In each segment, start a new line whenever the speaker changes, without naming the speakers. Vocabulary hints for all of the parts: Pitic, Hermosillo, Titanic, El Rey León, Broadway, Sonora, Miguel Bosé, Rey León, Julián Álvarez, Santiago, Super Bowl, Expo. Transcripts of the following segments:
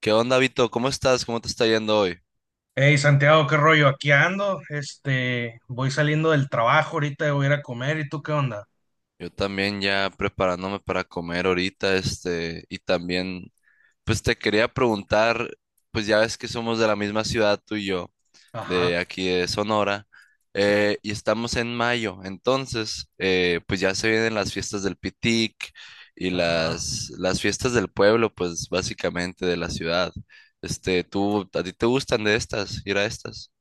¿Qué onda, Vito? ¿Cómo estás? ¿Cómo te está yendo hoy?
Hey Santiago, qué rollo, aquí ando, voy saliendo del trabajo, ahorita voy a ir a comer, ¿y tú qué onda?
Yo también ya preparándome para comer ahorita, y también, pues te quería preguntar, pues ya ves que somos de la misma ciudad tú y yo, de
Ajá,
aquí de Sonora,
sí,
y estamos en mayo, entonces, pues ya se vienen las fiestas del Pitic y
ajá.
las fiestas del pueblo, pues básicamente de la ciudad. Este, ¿tú, a ti te gustan de estas, ir a estas?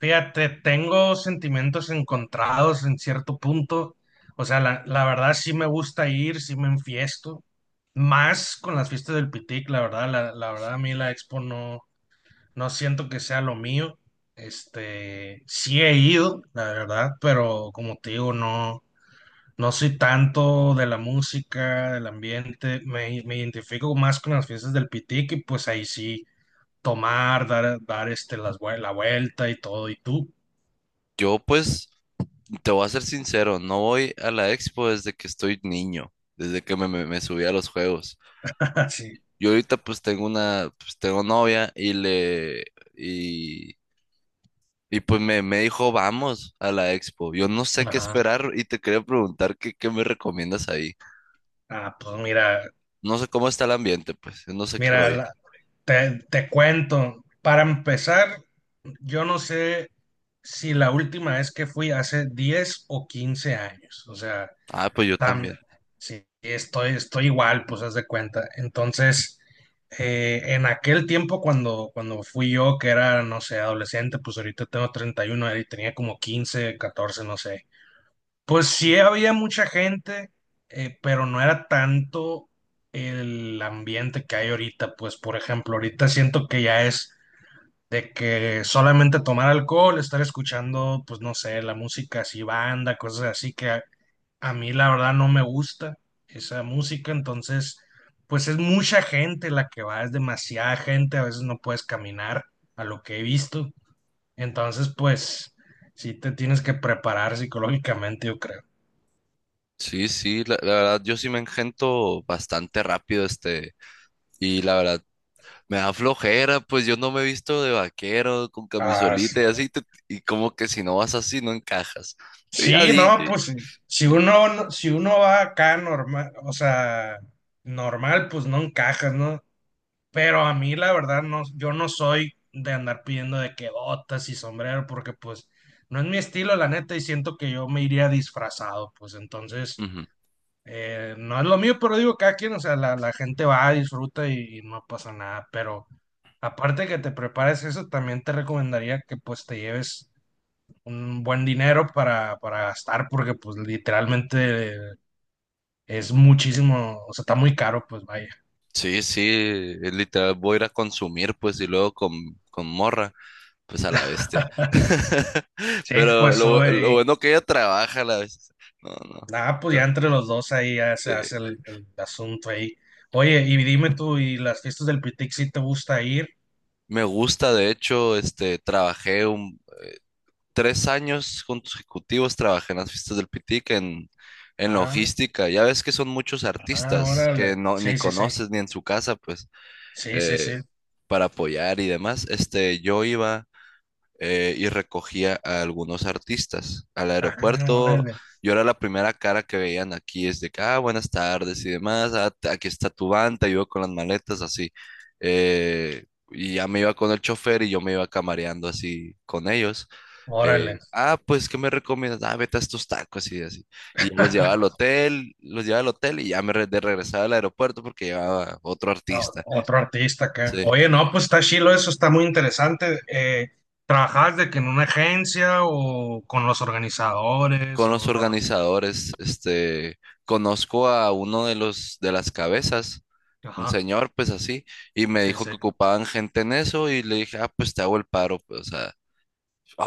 Fíjate, tengo sentimientos encontrados en cierto punto, o sea, la verdad sí me gusta ir, sí me enfiesto, más con las fiestas del Pitic, la verdad, la verdad a mí la Expo no, no siento que sea lo mío, este, sí he ido, la verdad, pero como te digo, no. No soy tanto de la música, del ambiente, me identifico más con las fiestas del Pitique, pues ahí sí, tomar, dar la vuelta y todo, y tú.
Yo pues te voy a ser sincero, no voy a la expo desde que estoy niño, desde que me subí a los juegos.
Sí.
Yo ahorita pues tengo una, pues tengo novia y le, y, y pues me dijo, vamos a la expo. Yo no sé qué
Ajá.
esperar y te quería preguntar qué, qué me recomiendas ahí.
Ah, pues mira.
No sé cómo está el ambiente, pues, no sé qué
mira,
rollo.
la- te cuento, para empezar, yo no sé si la última vez que fui hace 10 o 15 años, o sea.
Ah, pues yo
Tam-
también.
sí, estoy igual, pues haz de cuenta. Entonces, en aquel tiempo cuando fui yo, que era, no sé, adolescente, pues ahorita tengo 31 y tenía como 15, 14, no sé. Pues sí había mucha gente, pero no era tanto el ambiente que hay ahorita. Pues, por ejemplo, ahorita siento que ya es de que solamente tomar alcohol, estar escuchando, pues no sé, la música así, banda, cosas así que a mí la verdad no me gusta esa música, entonces pues es mucha gente la que va, es demasiada gente, a veces no puedes caminar a lo que he visto, entonces pues sí te tienes que preparar psicológicamente, yo creo.
Sí, sí, la verdad, yo sí me engento bastante rápido, este, y la verdad, me da flojera, pues yo no me he visto de vaquero, con
Ah, sí.
camisolita y así, te- y como que si no vas así, no encajas. Yo ya
Sí,
di.
no,
Yo-
pues si uno va acá normal, o sea, normal, pues no encajas, ¿no? Pero a mí la verdad no, yo no soy de andar pidiendo de que botas y sombrero, porque pues no es mi estilo, la neta, y siento que yo me iría disfrazado, pues entonces
ujú.
no es lo mío, pero digo, cada quien, o sea, la gente va, disfruta y no pasa nada, pero aparte que te prepares eso, también te recomendaría que pues te lleves un buen dinero para gastar, porque pues literalmente es muchísimo, o sea, está muy caro, pues vaya.
Sí, sí, es literal, voy a ir a consumir, pues, y luego con morra, pues a la bestia.
Sí,
Pero
pues
lo
sube.
bueno que ella trabaja a la vez. No, no.
Ah, pues
Pero,
ya entre los dos ahí ya se
eh,
hace el asunto ahí. Oye, y dime tú, ¿y las fiestas del Pitic si te gusta ir?
me gusta, de hecho, este, 3 años consecutivos trabajé en las fiestas del Pitic en
Ah,
logística. Ya ves que son muchos
ah,
artistas que
órale.
no, ni
Sí, sí, sí.
conoces ni en su casa, pues,
Sí, sí,
eh,
sí.
para apoyar y demás. Este, yo iba y recogía a algunos artistas al
Ah,
aeropuerto.
órale.
Yo era la primera cara que veían aquí, es de que, ah, buenas tardes y demás, ah, t- aquí está tu van, te ayudo con las maletas, así. Eh, y ya me iba con el chofer y yo me iba camareando así con ellos
Órale.
ah, pues, ¿qué me recomiendas? Ah, vete a estos tacos y así. Y ya los llevaba al hotel, los llevaba al hotel y ya de regresaba al aeropuerto porque llevaba otro
Ah,
artista.
otro artista acá.
Sí.
Oye, no, pues está chilo eso, está muy interesante. ¿Trabajas de que en una agencia o con los organizadores?
Con los
O...
organizadores, este, conozco a uno de los, de las cabezas, un
Ajá,
señor, pues así, y me
sí,
dijo
sí.
que ocupaban gente en eso y le dije, ah, pues te hago el paro, pues, o sea,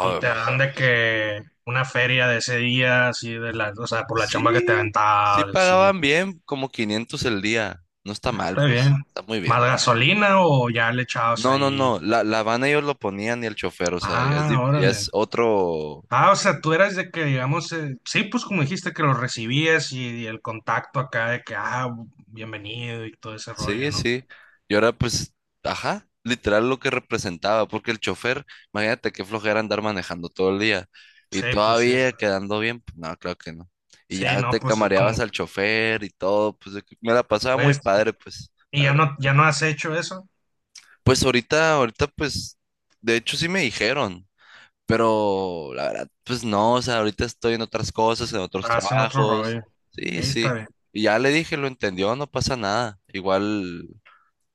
Y te
pues,
dan de que una feria de ese día, así de la, o sea, por la chamba que te
sí, sí
aventabas, así,
pagaban bien, como 500 el día, no está mal,
está
pues,
bien.
está muy
¿Más
bien.
gasolina o ya le echabas
No, no,
ahí?
no, la van ellos lo ponían y el chofer, o sea, ya es, di-
Ah,
ya es
órale.
otro,
Ah, o sea, tú eras de que, digamos, sí, pues como dijiste que lo recibías y el contacto acá de que, ah, bienvenido y todo ese rollo,
sí,
¿no?
sí. Y ahora pues, ajá, literal lo que representaba, porque el chofer, imagínate qué flojera andar manejando todo el día y
Sí, pues sí.
todavía quedando bien, pues no, claro que no. Y
Sí,
ya
no,
te
pues es
camareabas
como,
al chofer y todo, pues de que me la pasaba muy
pues,
padre, pues,
y
la
ya
verdad.
no, ya no has hecho eso,
Pues ahorita, ahorita pues, de hecho sí me dijeron. Pero la verdad, pues no, o sea, ahorita estoy en otras cosas, en otros
hacen otro
trabajos.
rollo. Sí,
Sí,
está
sí.
bien.
Y ya le dije, lo entendió, no pasa nada. Igual,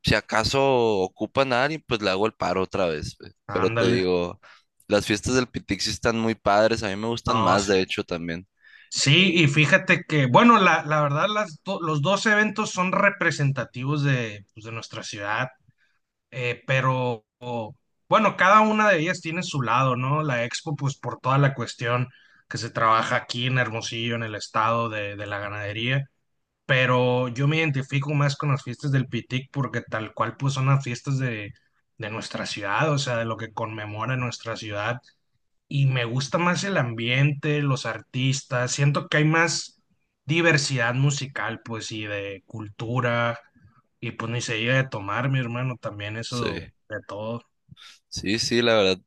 si acaso ocupan a alguien, pues le hago el paro otra vez. Pues. Pero te
Ándale.
digo, las fiestas del Pitixi están muy padres, a mí me
No,
gustan más,
sí.
de hecho, también.
Sí, y fíjate que, bueno, la verdad, los dos eventos son representativos de, pues, de nuestra ciudad, pero bueno, cada una de ellas tiene su lado, ¿no? La Expo, pues por toda la cuestión que se trabaja aquí en Hermosillo, en el estado de la ganadería, pero yo me identifico más con las fiestas del Pitic porque tal cual, pues son las fiestas de nuestra ciudad, o sea, de lo que conmemora nuestra ciudad y me gusta más el ambiente, los artistas, siento que hay más diversidad musical, pues, y de cultura, y pues ni se diga de tomar, mi hermano, también eso
Sí,
de todo.
sí, sí, la verdad.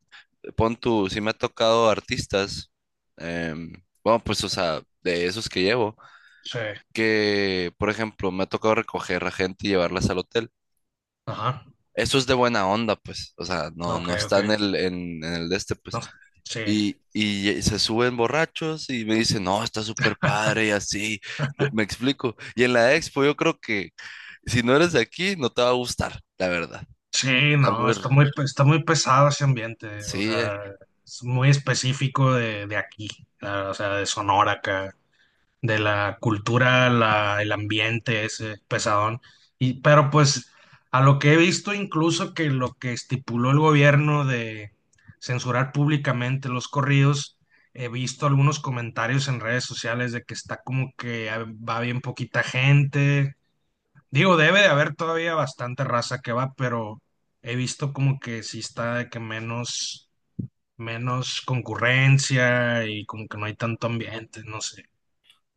Pon tú, sí me ha tocado artistas. em, bueno, pues, o sea, de esos que llevo,
Sí,
que, por ejemplo, me ha tocado recoger a gente y llevarlas al hotel.
ajá,
Eso es de buena onda, pues. O sea, no,
ok,
no está
ok,
en el de este, pues.
no, sí.
Y se suben borrachos y me dicen, no, está súper padre y así. Me explico. Y en la expo yo creo que si no eres de aquí, no te va a gustar, la verdad.
Sí,
Está
no,
muy... r-
está muy, está muy pesado ese ambiente, o
sí,
sea, es muy específico de aquí, o sea, de Sonora acá, de la cultura, la, el ambiente ese pesadón. Y, pero pues a lo que he visto incluso que lo que estipuló el gobierno de censurar públicamente los corridos, he visto algunos comentarios en redes sociales de que está como que ah, va bien poquita gente. Digo, debe de haber todavía bastante raza que va, pero he visto como que sí está de que menos, menos concurrencia y como que no hay tanto ambiente, no sé.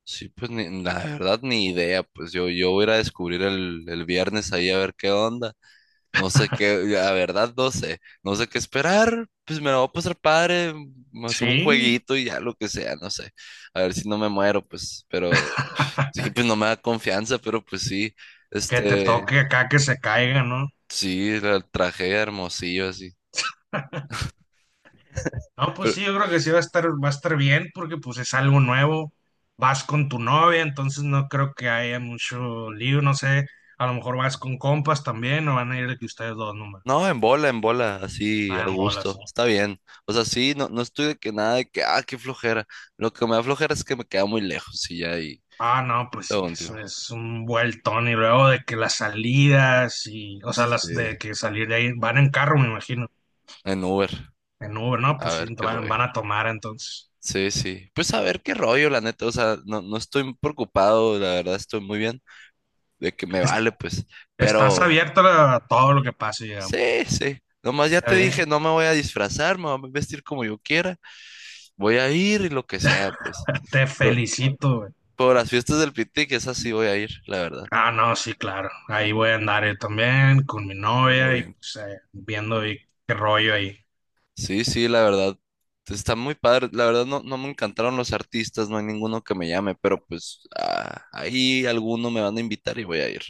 sí, pues ni- la verdad ni idea. Pues yo voy a ir a descubrir el viernes ahí a ver qué onda. No sé qué, la verdad no sé, no sé qué esperar, pues me la voy a pasar padre, me subo un
Sí.
jueguito y ya lo que sea, no sé, a ver si no me muero, pues, pero sí, pues no me da confianza, pero pues sí,
Que te
este,
toque acá que se caiga, ¿no?
sí, la traje a Hermosillo, así,
No, pues
pero
sí, yo creo que sí va a estar bien porque pues es algo nuevo. Vas con tu novia, entonces no creo que haya mucho lío, no sé. A lo mejor vas con compas también o van a ir de que ustedes dos nomás.
no, en bola, así, a
Ah, en bolas, sí.
gusto, está bien, o sea, sí, no, no estoy de que nada, de que, ah, qué flojera, lo que me da flojera es que me queda muy lejos y ya ahí,
Ah, no, pues sí,
lo último,
eso es un vueltón y luego de que las salidas y, o sea, las
sí,
de que salir de ahí van en carro, me imagino.
en Uber,
En Uber, no,
a
pues sí,
ver qué
van,
rollo.
van a tomar entonces.
Sí, sí. Pues a ver qué rollo, la neta. O sea, no, no estoy preocupado, la verdad estoy muy bien. De que me
Es-
vale, pues.
Estás
Pero
abierto a todo lo que pase, digamos.
sí, sí. Nomás ya
Está
te dije,
bien.
no me voy a disfrazar, me voy a vestir como yo quiera. Voy a ir y lo que sea, pues.
Te
Por,
felicito, güey.
por las fiestas del Piti, que esas sí voy a ir, la verdad.
Ah, no, sí, claro. Ahí voy a andar yo también con mi
Algo
novia y
bien.
pues viendo ahí qué rollo ahí.
Sí, sí, la verdad. Está muy padre. La verdad no, no me encantaron los artistas, no hay ninguno que me llame, pero pues ah, ahí alguno me van a invitar y voy a ir.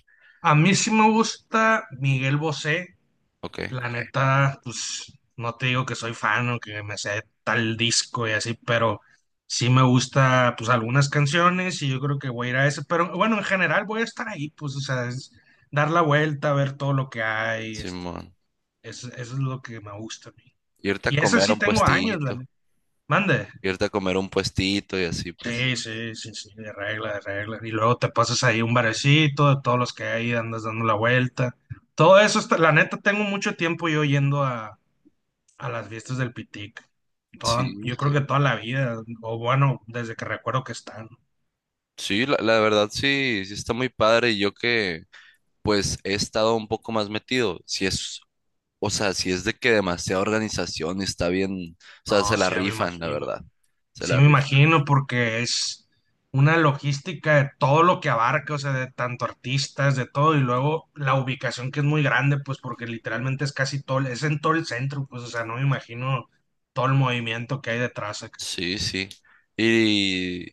A mí sí me gusta Miguel Bosé.
Ok,
La neta, pues no te digo que soy fan o que me sé tal disco y así, pero sí me gusta pues algunas canciones y yo creo que voy a ir a ese. Pero bueno, en general voy a estar ahí, pues, o sea, es dar la vuelta, ver todo lo que hay. Este,
simón.
eso es lo que me gusta a mí.
Y ahorita a
Y ese
comer a
sí
un
tengo años, la
puestito,
neta. Mande.
y ahorita a comer a un puestito y así pues.
Sí, sí, sí, sí, de regla, de regla. Y luego te pasas ahí un barecito, de todos los que hay, andas dando la vuelta. Todo eso, la neta, tengo mucho tiempo yo yendo a, las fiestas del Pitic.
Sí,
Yo
sí.
creo que toda la vida, o bueno, desde que recuerdo que están.
Sí, la verdad sí, sí está muy padre. Y yo que pues he estado un poco más metido. Si es, o sea, si es de que demasiada organización está bien, o sea,
No,
se la
sí, ya me
rifan, la
imagino.
verdad. Se
Sí,
la
me
rifan.
imagino, porque es una logística de todo lo que abarca, o sea, de tanto artistas, de todo, y luego la ubicación que es muy grande, pues porque literalmente es casi todo, es en todo el centro, pues, o sea, no me imagino todo el movimiento que hay detrás acá.
Sí, sí. Y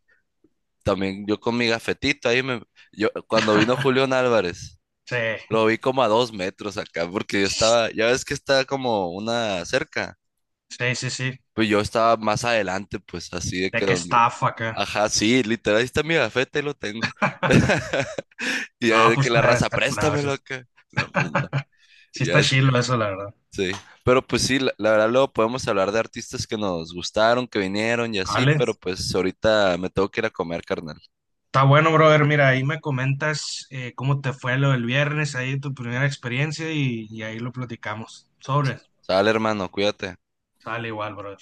también yo con mi gafetito ahí me, yo cuando vino Julián Álvarez,
Sí,
lo vi como a 2 metros acá, porque yo estaba, ya ves que está como una cerca.
sí, sí, sí,
Pues yo estaba más adelante, pues así de
de
que
qué
donde.
estafa acá.
Ajá, sí, literal, ahí está mi gafete, ahí lo tengo. Y ya
Ah,
de
pues
que la
está,
raza,
está curado, sí,
préstamelo acá. No, pues no.
sí
Y ya,
está
es-
chilo eso, la verdad.
sí. Pero pues sí, la verdad, luego podemos hablar de artistas que nos gustaron, que vinieron y así,
Vale,
pero pues ahorita me tengo que ir a comer, carnal.
está bueno, brother, mira, ahí me comentas cómo te fue lo del viernes, ahí tu primera experiencia, y ahí lo platicamos. Sobre.
Sale, hermano, cuídate.
Sale igual, bro.